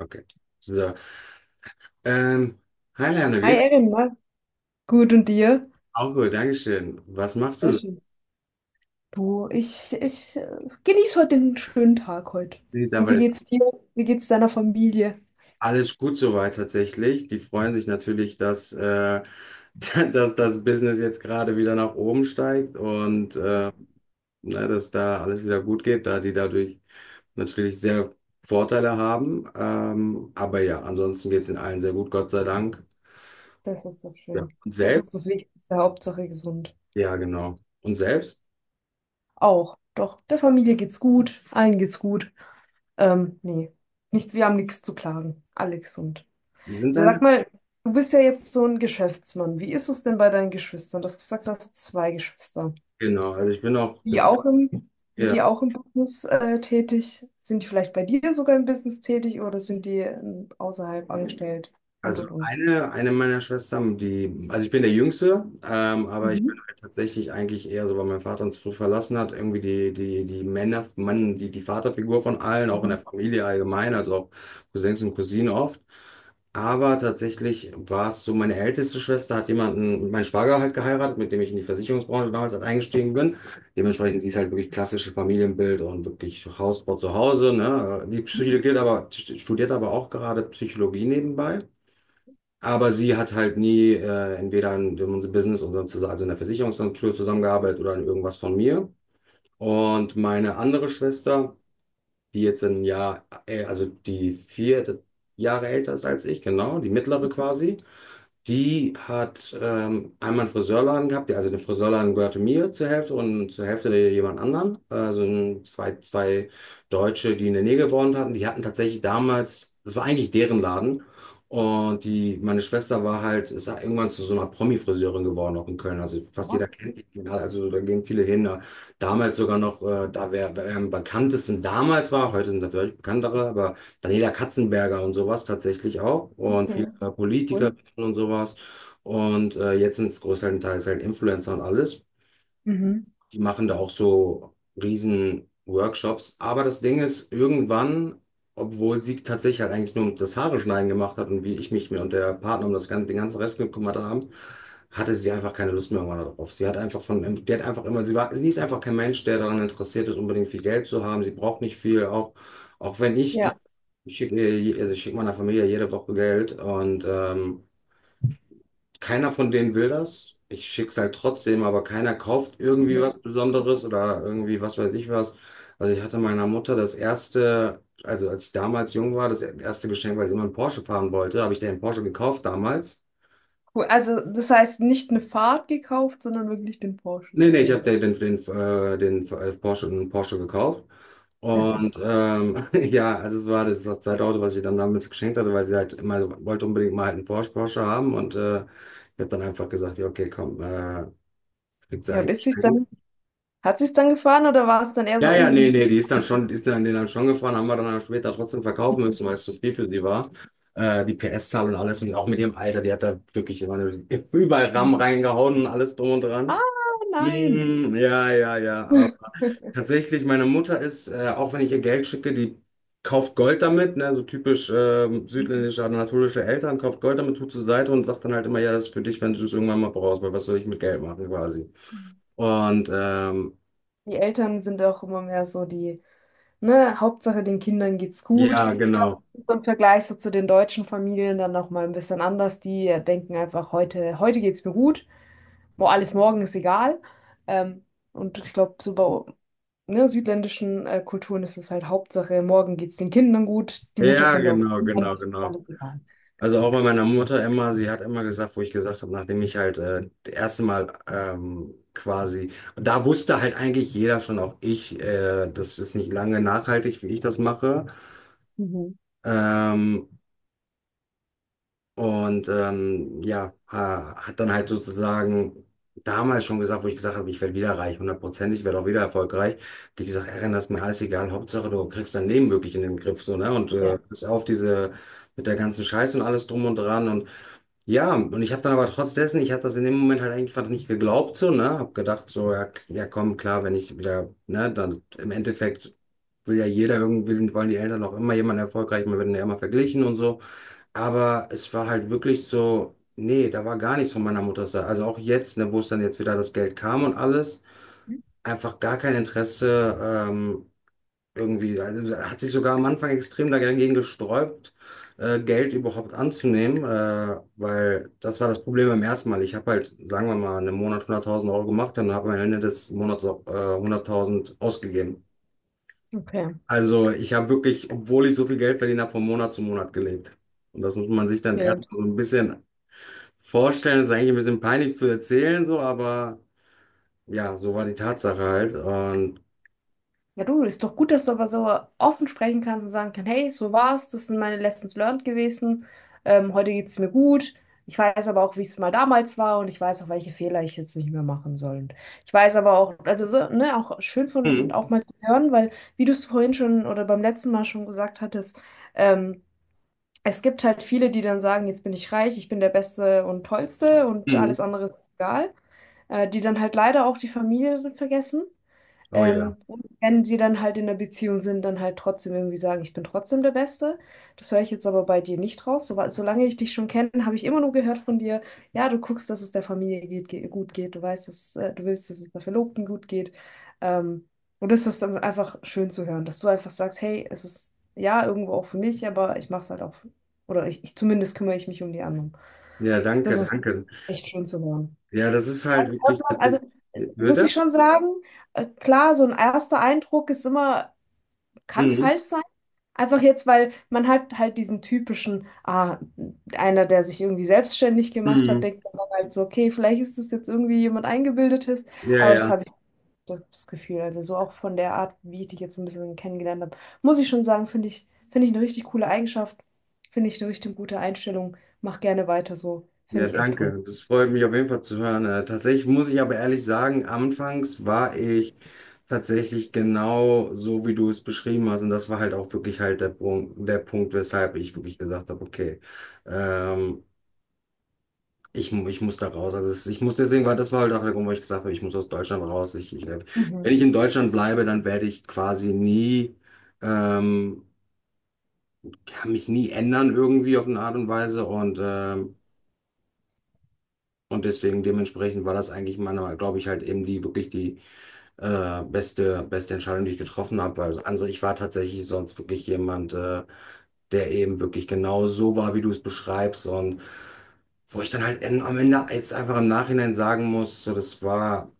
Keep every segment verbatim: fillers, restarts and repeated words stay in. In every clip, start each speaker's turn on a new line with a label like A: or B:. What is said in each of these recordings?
A: Okay. So. Ähm, Hi Lerner, wie
B: Hi
A: geht's?
B: Erin, na, gut, und dir?
A: Auch gut, Dankeschön. Was machst du
B: Sehr
A: so?
B: schön. Du, ich, ich äh, genieße heute den schönen Tag heute.
A: Ich sag
B: Und wie
A: mal,
B: geht's dir? Wie geht's deiner Familie?
A: alles gut soweit tatsächlich. Die freuen sich natürlich, dass, äh, dass das Business jetzt gerade wieder nach oben steigt und
B: Ach.
A: äh, ne, dass da alles wieder gut geht, da die dadurch natürlich sehr Vorteile haben. Ähm, aber ja, ansonsten geht's in allen sehr gut, Gott sei Dank.
B: Das ist doch
A: Ja.
B: schön.
A: Und
B: Das
A: selbst?
B: ist das Wichtigste, Hauptsache gesund.
A: Ja, genau. Und selbst?
B: Auch, doch, der Familie geht's gut, allen geht's gut. Ähm, nee, nicht, wir haben nichts zu klagen. Alle gesund.
A: Sind
B: Sag
A: deine?
B: mal, du bist ja jetzt so ein Geschäftsmann. Wie ist es denn bei deinen Geschwistern? Du hast gesagt, du hast zwei Geschwister.
A: Genau, also ich bin auch
B: die
A: das.
B: auch im, Die
A: Ja.
B: auch im Business äh, tätig? Sind die vielleicht bei dir sogar im Business tätig oder sind die ähm, außerhalb angestellt? Und,
A: Also
B: und, und.
A: eine, eine meiner Schwestern, die, also ich bin der Jüngste, ähm, aber ich bin
B: Mhm.
A: halt tatsächlich eigentlich eher so, weil mein Vater uns früh verlassen hat, irgendwie die, die, die Männer, Mann, die, die Vaterfigur von allen, auch in
B: Mhm.
A: der Familie allgemein, also auch Cousins und Cousinen oft. Aber tatsächlich war es so, meine älteste Schwester hat jemanden, meinen Schwager halt geheiratet, mit dem ich in die Versicherungsbranche damals halt eingestiegen bin. Dementsprechend, sie ist halt wirklich klassisches Familienbild und wirklich Hausbau zu Hause, ne? Die studiert aber, studiert aber auch gerade Psychologie nebenbei. Aber sie hat halt nie äh, entweder in unserem Business, unserem, Zus- also in der Versicherungsagentur zusammengearbeitet oder in irgendwas von mir. Und meine andere Schwester, die jetzt ein Jahr, äh, also die vier Jahre älter ist als ich, genau, die mittlere quasi, die hat ähm, einmal einen Friseurladen gehabt, der- also der Friseurladen gehörte mir zur Hälfte und zur Hälfte jemand anderen. Also ein- zwei, zwei Deutsche, die in der Nähe gewohnt hatten, die hatten tatsächlich damals, das war eigentlich deren Laden. Und die, meine Schwester war halt, ist halt irgendwann zu so einer Promi-Friseurin geworden, auch in Köln. Also fast
B: Ja,
A: jeder kennt die, also da gehen viele hin. Da- damals sogar noch, äh, da wer, wer am bekanntesten damals war, heute sind da vielleicht bekanntere, aber Daniela Katzenberger und sowas tatsächlich auch. Und
B: okay,
A: viele Politiker
B: cool.
A: und sowas. Und äh, jetzt sind es größtenteils Teils halt Influencer und alles.
B: Mhm.
A: Die machen da auch so riesen Workshops. Aber das Ding ist, irgendwann, obwohl sie tatsächlich halt eigentlich nur das Haare schneiden gemacht hat und wie ich mich mir und der Partner um das ganze, den ganzen Rest gekümmert haben, hatte sie einfach keine Lust mehr irgendwann darauf. Sie hat einfach von, die hat einfach immer, sie war, sie ist einfach kein Mensch, der daran interessiert ist, unbedingt viel Geld zu haben. Sie braucht nicht viel, auch, auch wenn ich,
B: Ja,
A: ich schicke, ihr- also ich schicke meiner Familie jede Woche Geld und ähm, keiner von denen will das. Ich schick's halt trotzdem, aber keiner kauft irgendwie
B: nett.
A: was Besonderes oder irgendwie was weiß ich was. Also ich hatte meiner Mutter das erste, also als ich damals jung war, das erste Geschenk, weil sie immer einen Porsche fahren wollte, habe ich den Porsche gekauft damals.
B: Cool. Also das heißt nicht eine Fahrt gekauft, sondern wirklich den Porsche
A: Nee, nee, ich habe
B: selber.
A: den, den, den, äh, den äh, Porsche, den Porsche gekauft. Und ähm, ja, also es war das, das zweite Auto, was ich dann damals geschenkt hatte, weil sie halt immer so wollte unbedingt mal halt einen Porsche, Porsche haben. Und äh, ich habe dann einfach gesagt, ja, okay, komm, äh, kriegt sie
B: Ja, und
A: ein
B: ist sie's
A: Geschenk.
B: dann, hat sie es dann gefahren oder war es dann eher so,
A: Ja, ja,
B: oh, wie
A: nee,
B: ist.
A: nee, die ist dann schon, die ist dann, die dann schon gefahren, haben wir dann auch später trotzdem verkaufen müssen, weil es zu viel für sie war. Äh, die P S-Zahl und alles und auch mit ihrem Alter, die hat da wirklich immer nur- überall RAM reingehauen und alles drum und dran.
B: Ah, nein.
A: Mm, ja, ja, ja. Aber tatsächlich, meine Mutter ist, äh, auch wenn ich ihr Geld schicke, die kauft Gold damit, ne, so typisch ähm, südländische, anatolische Eltern, kauft Gold damit, tut zur Seite und sagt dann halt immer, ja, das ist für dich, wenn du es irgendwann mal brauchst, weil was soll ich mit Geld machen quasi. Und ähm,
B: Die Eltern sind auch immer mehr so die. Ne, Hauptsache, den Kindern geht's gut.
A: ja,
B: Ich glaube,
A: genau.
B: so im Vergleich so zu den deutschen Familien dann noch mal ein bisschen anders. Die äh, denken einfach, heute, heute geht's mir gut, wo alles morgen ist egal. Ähm, und ich glaube, so bei ne, südländischen äh, Kulturen ist es halt Hauptsache, morgen geht's den Kindern gut, die Mutter
A: Ja,
B: könnte auch,
A: genau,
B: und
A: genau,
B: das ist
A: genau.
B: alles egal.
A: Also auch bei meiner Mutter immer, sie hat immer gesagt, wo ich gesagt habe, nachdem ich halt äh, das erste Mal ähm, quasi, da wusste halt eigentlich jeder schon, auch ich, äh, das ist nicht lange nachhaltig, wie ich das mache.
B: Mhm.
A: Ähm, Und ähm, ja, ha- hat dann halt sozusagen damals schon gesagt, wo ich gesagt habe, ich werde wieder reich, hundertprozentig, ich werde auch wieder erfolgreich. Die gesagt, Erin, das ist mir alles egal, Hauptsache du kriegst dein Leben wirklich in den Griff, so, ne? Und äh,
B: Ja.
A: bis auf diese, mit der ganzen Scheiße und alles drum und dran. Und ja, und ich habe dann aber trotz dessen, ich habe das in dem Moment halt eigentlich fast nicht geglaubt, so, ne? Hab gedacht, so, ja, k- ja komm, klar, wenn ich wieder, ne, dann im Endeffekt will ja jeder irgendwie, wollen die Eltern auch immer jemanden erfolgreich, man wird ja immer verglichen und so. Aber es war halt wirklich so, nee, da war gar nichts von meiner Mutter da. Also auch jetzt, ne, wo es dann jetzt wieder das Geld kam und alles, einfach gar kein Interesse, ähm, irgendwie, also hat sich sogar am Anfang extrem dagegen gesträubt, äh, Geld überhaupt anzunehmen, äh, weil das war das Problem beim ersten Mal. Ich habe halt, sagen wir mal, einen Monat hunderttausend Euro gemacht und habe am Ende des Monats auch, äh, hunderttausend ausgegeben.
B: Okay.
A: Also ich habe wirklich, obwohl ich so viel Geld verdient habe, von Monat zu Monat gelebt. Und das muss man sich dann
B: Okay.
A: erstmal so ein bisschen vorstellen. Ist eigentlich ein bisschen peinlich zu erzählen, so, aber ja, so war die Tatsache halt. Und
B: Ja, du, ist doch gut, dass du aber so offen sprechen kannst und sagen kannst, hey, so war's, das sind meine Lessons learned gewesen. Ähm, heute geht's mir gut. Ich weiß aber auch, wie es mal damals war und ich weiß auch, welche Fehler ich jetzt nicht mehr machen soll. Und ich weiß aber auch, also so, ne, auch schön von
A: mhm.
B: auch mal zu hören, weil wie du es vorhin schon oder beim letzten Mal schon gesagt hattest, ähm, es gibt halt viele, die dann sagen, jetzt bin ich reich, ich bin der Beste und Tollste und
A: Mhm.
B: alles andere ist egal, äh, die dann halt leider auch die Familie vergessen.
A: Oh ja.
B: Ähm, und wenn sie dann halt in einer Beziehung sind, dann halt trotzdem irgendwie sagen, ich bin trotzdem der Beste. Das höre ich jetzt aber bei dir nicht raus. So, solange ich dich schon kenne, habe ich immer nur gehört von dir, ja, du guckst, dass es der Familie geht, ge gut geht. Du weißt, dass, äh, du willst, dass es der Verlobten gut geht. Ähm, und das ist dann einfach schön zu hören, dass du einfach sagst, hey, es ist ja irgendwo auch für mich, aber ich mache es halt auch, oder ich, ich zumindest kümmere ich mich um die anderen.
A: Ja,
B: Das
A: danke,
B: ist
A: danke.
B: echt schön zu hören.
A: Ja, das ist halt
B: Hört
A: wirklich
B: man- Also
A: tatsächlich.
B: äh, muss ich
A: Würde?
B: schon sagen, äh, klar, so ein erster Eindruck ist immer, kann
A: Mhm.
B: falsch sein. Einfach jetzt, weil man halt halt diesen typischen, ah, einer, der sich irgendwie selbstständig gemacht hat,
A: Mhm.
B: denkt man dann halt so, okay, vielleicht ist das jetzt irgendwie jemand Eingebildetes,
A: Ja,
B: aber das
A: ja.
B: habe ich das das Gefühl, also so auch von der Art, wie ich dich jetzt ein bisschen kennengelernt habe, muss ich schon sagen, finde ich, finde ich eine richtig coole Eigenschaft, finde ich eine richtig gute Einstellung, mach gerne weiter so, finde
A: Ja,
B: ich echt toll.
A: danke. Das freut mich auf jeden Fall zu hören. Äh, tatsächlich muss ich aber ehrlich sagen, anfangs war ich tatsächlich genau so, wie du es beschrieben hast. Und das war halt auch wirklich halt der Punkt, der Punkt, weshalb ich wirklich gesagt habe, okay, ähm, Ich, mu- ich muss da raus. Also es- ich muss deswegen, weil das war halt auch der Grund, wo ich gesagt habe, ich muss aus Deutschland raus. Ich, ich, wenn
B: Mhm.
A: ich in Deutschland bleibe, dann werde ich quasi nie, ähm, ja, mich nie ändern irgendwie auf eine Art und Weise. Und, ähm, und deswegen dementsprechend war das eigentlich meiner Meinung, glaube ich, halt eben die wirklich die äh, beste, beste Entscheidung, die ich getroffen habe. Weil also ich war tatsächlich sonst wirklich jemand, äh, der eben wirklich genau so war, wie du es beschreibst. Und wo ich dann halt en- am Ende jetzt einfach im Nachhinein sagen muss, so das war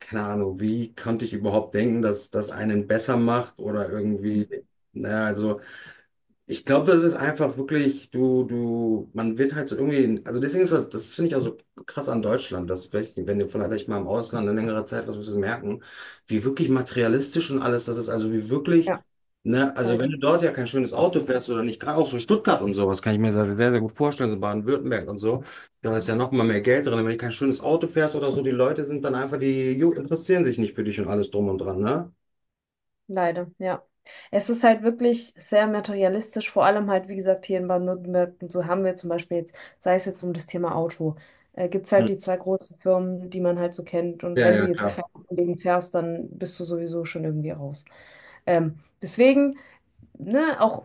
A: keine Ahnung, wie konnte ich überhaupt denken, dass das einen besser macht oder
B: Mhm.
A: irgendwie, naja, also. Ich glaube, das ist einfach wirklich, du, du, man wird halt so irgendwie, also deswegen ist das, das finde ich auch so krass an Deutschland, dass vielleicht, wenn du vielleicht mal im Ausland eine längere Zeit was wirst du merken, wie wirklich materialistisch und alles das ist, also wie wirklich,
B: Ja,
A: ne, also wenn
B: leider.
A: du dort ja kein schönes Auto fährst oder nicht, gerade auch so Stuttgart und sowas, kann ich mir sehr, sehr gut vorstellen, so Baden-Württemberg und so, da ist ja noch mal mehr Geld drin, wenn du kein schönes Auto fährst oder so, die Leute sind dann einfach, die ju- interessieren sich nicht für dich und alles drum und dran, ne?
B: Leider, ja. Es ist halt wirklich sehr materialistisch, vor allem halt, wie gesagt, hier in Baden-Württemberg, und so haben wir zum Beispiel jetzt, sei es jetzt um das Thema Auto, äh, gibt es
A: Hm.
B: halt die zwei großen Firmen, die man halt so kennt. Und
A: Ja,
B: wenn du
A: ja,
B: jetzt
A: klar.
B: keinen Kollegen fährst, dann bist du sowieso schon irgendwie raus. Ähm, deswegen, ne, auch.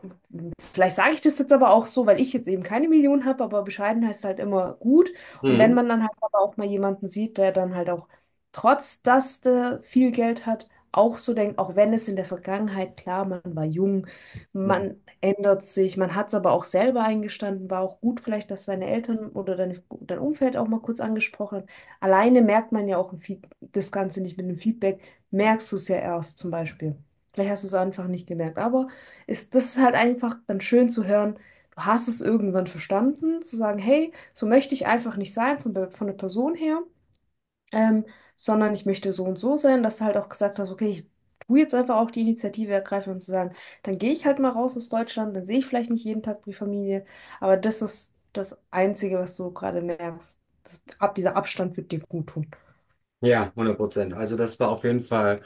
B: Vielleicht sage ich das jetzt aber auch so, weil ich jetzt eben keine Million habe, aber bescheiden heißt halt immer gut. Und wenn
A: Mhm.
B: man dann halt aber auch mal jemanden sieht, der dann halt auch, trotz dass der viel Geld hat, auch so denkt, auch wenn es in der Vergangenheit, klar, man war jung, man ändert sich, man hat es aber auch selber eingestanden, war auch gut vielleicht, dass deine Eltern oder deine, dein Umfeld auch mal kurz angesprochen hat. Alleine merkt man ja auch ein Feed, das Ganze nicht mit einem Feedback, merkst du es ja erst zum Beispiel. Vielleicht hast du es einfach nicht gemerkt, aber ist das ist halt einfach dann schön zu hören, du hast es irgendwann verstanden, zu sagen, hey, so möchte ich einfach nicht sein von, der- von der Person her, ähm, sondern ich möchte so und so sein, dass du halt auch gesagt hast, okay, ich tue jetzt einfach auch die Initiative ergreifen und zu sagen, dann gehe ich halt mal raus aus Deutschland, dann sehe ich vielleicht nicht jeden Tag die Familie, aber das ist das Einzige, was du gerade merkst. Das, ab dieser Abstand wird dir gut tun.
A: Ja, hundert Prozent. Also das war auf jeden Fall,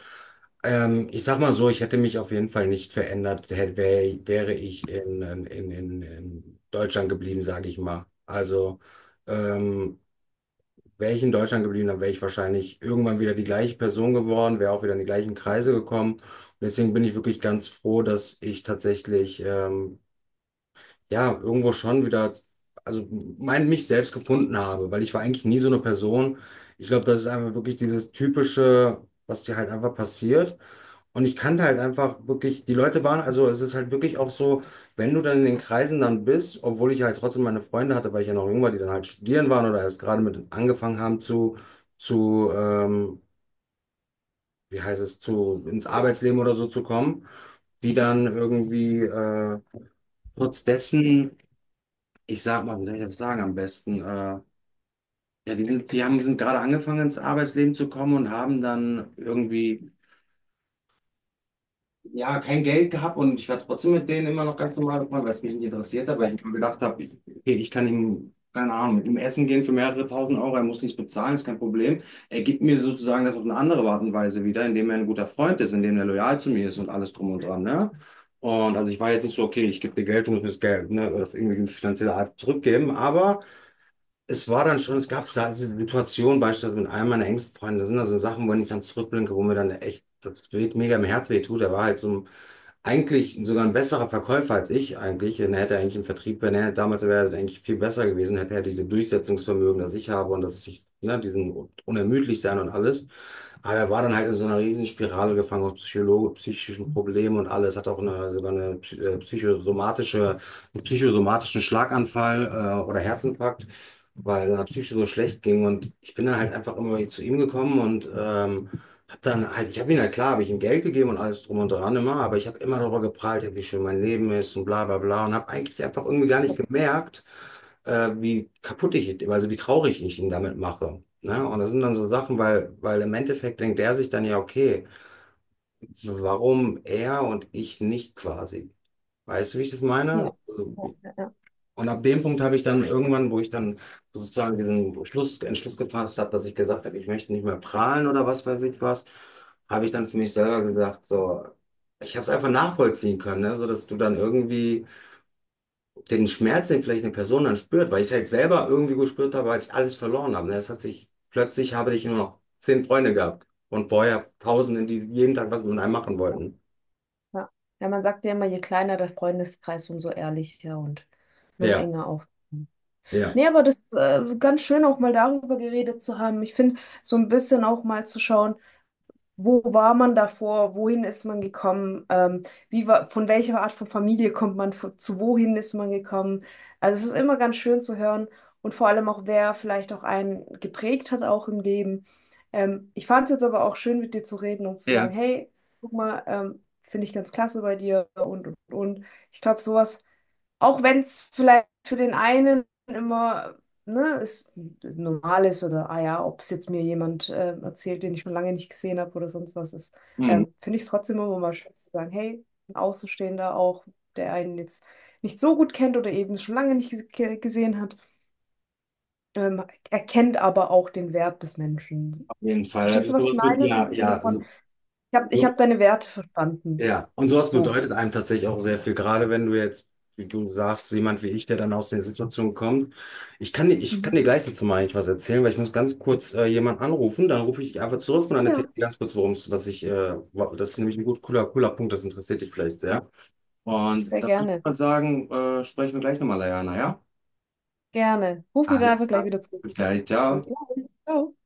A: ähm, ich sag mal so, ich hätte mich auf jeden Fall nicht verändert, hätte, wär, wäre ich in, in, in, in Deutschland geblieben, sage ich mal. Also ähm, wäre ich in Deutschland geblieben, dann wäre ich wahrscheinlich irgendwann wieder die gleiche Person geworden, wäre auch wieder in die gleichen Kreise gekommen. Und deswegen bin ich wirklich ganz froh, dass ich tatsächlich ähm, ja, irgendwo schon wieder, also mein, mich selbst gefunden habe, weil ich war eigentlich nie so eine Person. Ich glaube, das ist einfach wirklich dieses typische, was dir halt einfach passiert. Und ich kannte halt einfach wirklich, die Leute waren, also es ist halt wirklich auch so, wenn du dann in den Kreisen dann bist, obwohl ich halt trotzdem meine Freunde hatte, weil ich ja noch jung war, die dann halt studieren waren oder erst gerade mit angefangen haben zu, zu, ähm, wie heißt es, zu, ins Arbeitsleben oder so zu kommen, die dann irgendwie, äh, trotz dessen ich sag mal, wie soll ich das sagen am besten? Äh, ja, die sind, die haben, die sind gerade angefangen ins Arbeitsleben zu kommen und haben dann irgendwie, ja, kein Geld gehabt und ich war trotzdem mit denen immer noch ganz normal befreundet, weil es mich nicht interessiert hat, weil ich mir gedacht habe, ich, okay, ich kann ihm, keine Ahnung, mit ihm essen gehen für mehrere tausend Euro, er muss nichts bezahlen, ist kein Problem. Er gibt mir sozusagen das auf eine andere Art und Weise wieder, indem er ein guter Freund ist, indem er loyal zu mir ist und alles drum und dran, ne? Und also ich war jetzt nicht so, okay, ich gebe dir Geld, du musst mir das Geld, ne, das irgendwie finanziell halt zurückgeben, aber es war dann schon, es gab da diese Situation beispielsweise mit einem meiner engsten Freunde, das sind also Sachen, wenn ich dann zurückblinke, wo mir dann echt das weht, mega im Herz weh tut. Er war halt so ein, eigentlich sogar ein besserer Verkäufer als ich eigentlich. Und er hätte eigentlich im Vertrieb, wenn er damals wäre, er eigentlich viel besser gewesen, hätte er diese Durchsetzungsvermögen, das ich habe und dass ich, ne, diesen unermüdlich sein und alles. Aber er war dann halt in so einer Riesenspirale gefangen aus Psycholo psychischen Problemen und alles. Hat auch eine, sogar eine psy- äh, psychosomatische, einen psychosomatischen Schlaganfall äh, oder Herzinfarkt, weil seiner Psyche so schlecht ging. Und ich bin dann halt einfach immer zu ihm gekommen und ähm, hab dann halt, ich habe ihm halt klar, habe ich ihm Geld gegeben und alles drum und dran immer, aber ich habe immer darüber geprahlt, ja, wie schön mein Leben ist und bla bla bla und habe eigentlich einfach irgendwie gar nicht
B: Ja,
A: gemerkt, äh, wie kaputt ich, also wie traurig ich ihn damit mache. Ne? Und das sind dann so Sachen, weil, weil im Endeffekt denkt er sich dann ja, okay, warum er und ich nicht quasi? Weißt du, wie ich das meine?
B: ja, ja, ja.
A: Und ab dem Punkt habe ich dann irgendwann, wo ich dann sozusagen diesen Schluss, Entschluss gefasst habe, dass ich gesagt habe, ich möchte nicht mehr prahlen oder was weiß ich was, habe ich dann für mich selber gesagt, so, ich habe es einfach nachvollziehen können, ne? So dass du dann irgendwie den Schmerz, den vielleicht eine Person dann spürt, weil ich es halt selber irgendwie gespürt habe, als ich alles verloren habe. Ne? Es hat sich, plötzlich habe ich nur noch zehn Freunde gehabt und vorher Tausende, die jeden Tag was mit einem machen wollten.
B: Ja. Ja, man sagt ja immer, je kleiner der Freundeskreis, umso ehrlicher und ne,
A: Ja,
B: enger auch.
A: ja.
B: Nee, aber das äh, ganz schön auch mal darüber geredet zu haben. Ich finde, so ein bisschen auch mal zu schauen, wo war man davor, wohin ist man gekommen, ähm, wie war, von welcher Art von Familie kommt man, von, zu wohin ist man gekommen. Also es ist immer ganz schön zu hören und vor allem auch, wer vielleicht auch einen geprägt hat, auch im Leben. Ähm, ich fand es jetzt aber auch schön, mit dir zu reden und zu sagen,
A: Ja.
B: hey, guck mal, ähm, finde ich ganz klasse bei dir und, und, und. Ich glaube, sowas auch wenn es vielleicht für den einen immer, ne, ist, ist normal ist oder, ah ja, ob es jetzt mir jemand ähm, erzählt, den ich schon lange nicht gesehen habe oder sonst was ist,
A: Mhm.
B: ähm, finde ich es trotzdem immer mal schön zu sagen, hey, ein Außenstehender auch, der einen jetzt nicht so gut kennt oder eben schon lange nicht ges- ge gesehen hat, ähm, erkennt aber auch den Wert des Menschen.
A: Auf jeden Fall.
B: Verstehst du,
A: Also
B: was ich
A: sowas wird,
B: meine? So
A: ja,
B: im
A: ja,
B: Sinne von,
A: also
B: ich habe ich
A: so.
B: hab deine Werte verstanden.
A: Ja, und sowas
B: So.
A: bedeutet einem tatsächlich auch sehr viel, gerade wenn du jetzt, wie du sagst, jemand wie ich, der dann aus der Situation kommt. Ich kann dir, ich kann
B: Mhm.
A: dir gleich dazu mal eigentlich was erzählen, weil ich muss ganz kurz äh, jemanden anrufen, dann rufe ich dich einfach zurück und dann
B: Ja,
A: erzähle ich dir ganz kurz, worum es, was ich, äh, wa- das ist nämlich ein gut cooler, cooler Punkt, das interessiert dich vielleicht sehr. Und
B: sehr
A: dann würde ich
B: gerne.
A: mal sagen, äh, sprechen wir gleich nochmal, Leana, ja?
B: Gerne. Ruf mich dann
A: Alles
B: einfach gleich
A: klar.
B: wieder zurück.
A: Bis gleich,
B: Bis
A: ciao.
B: gleich. Ciao.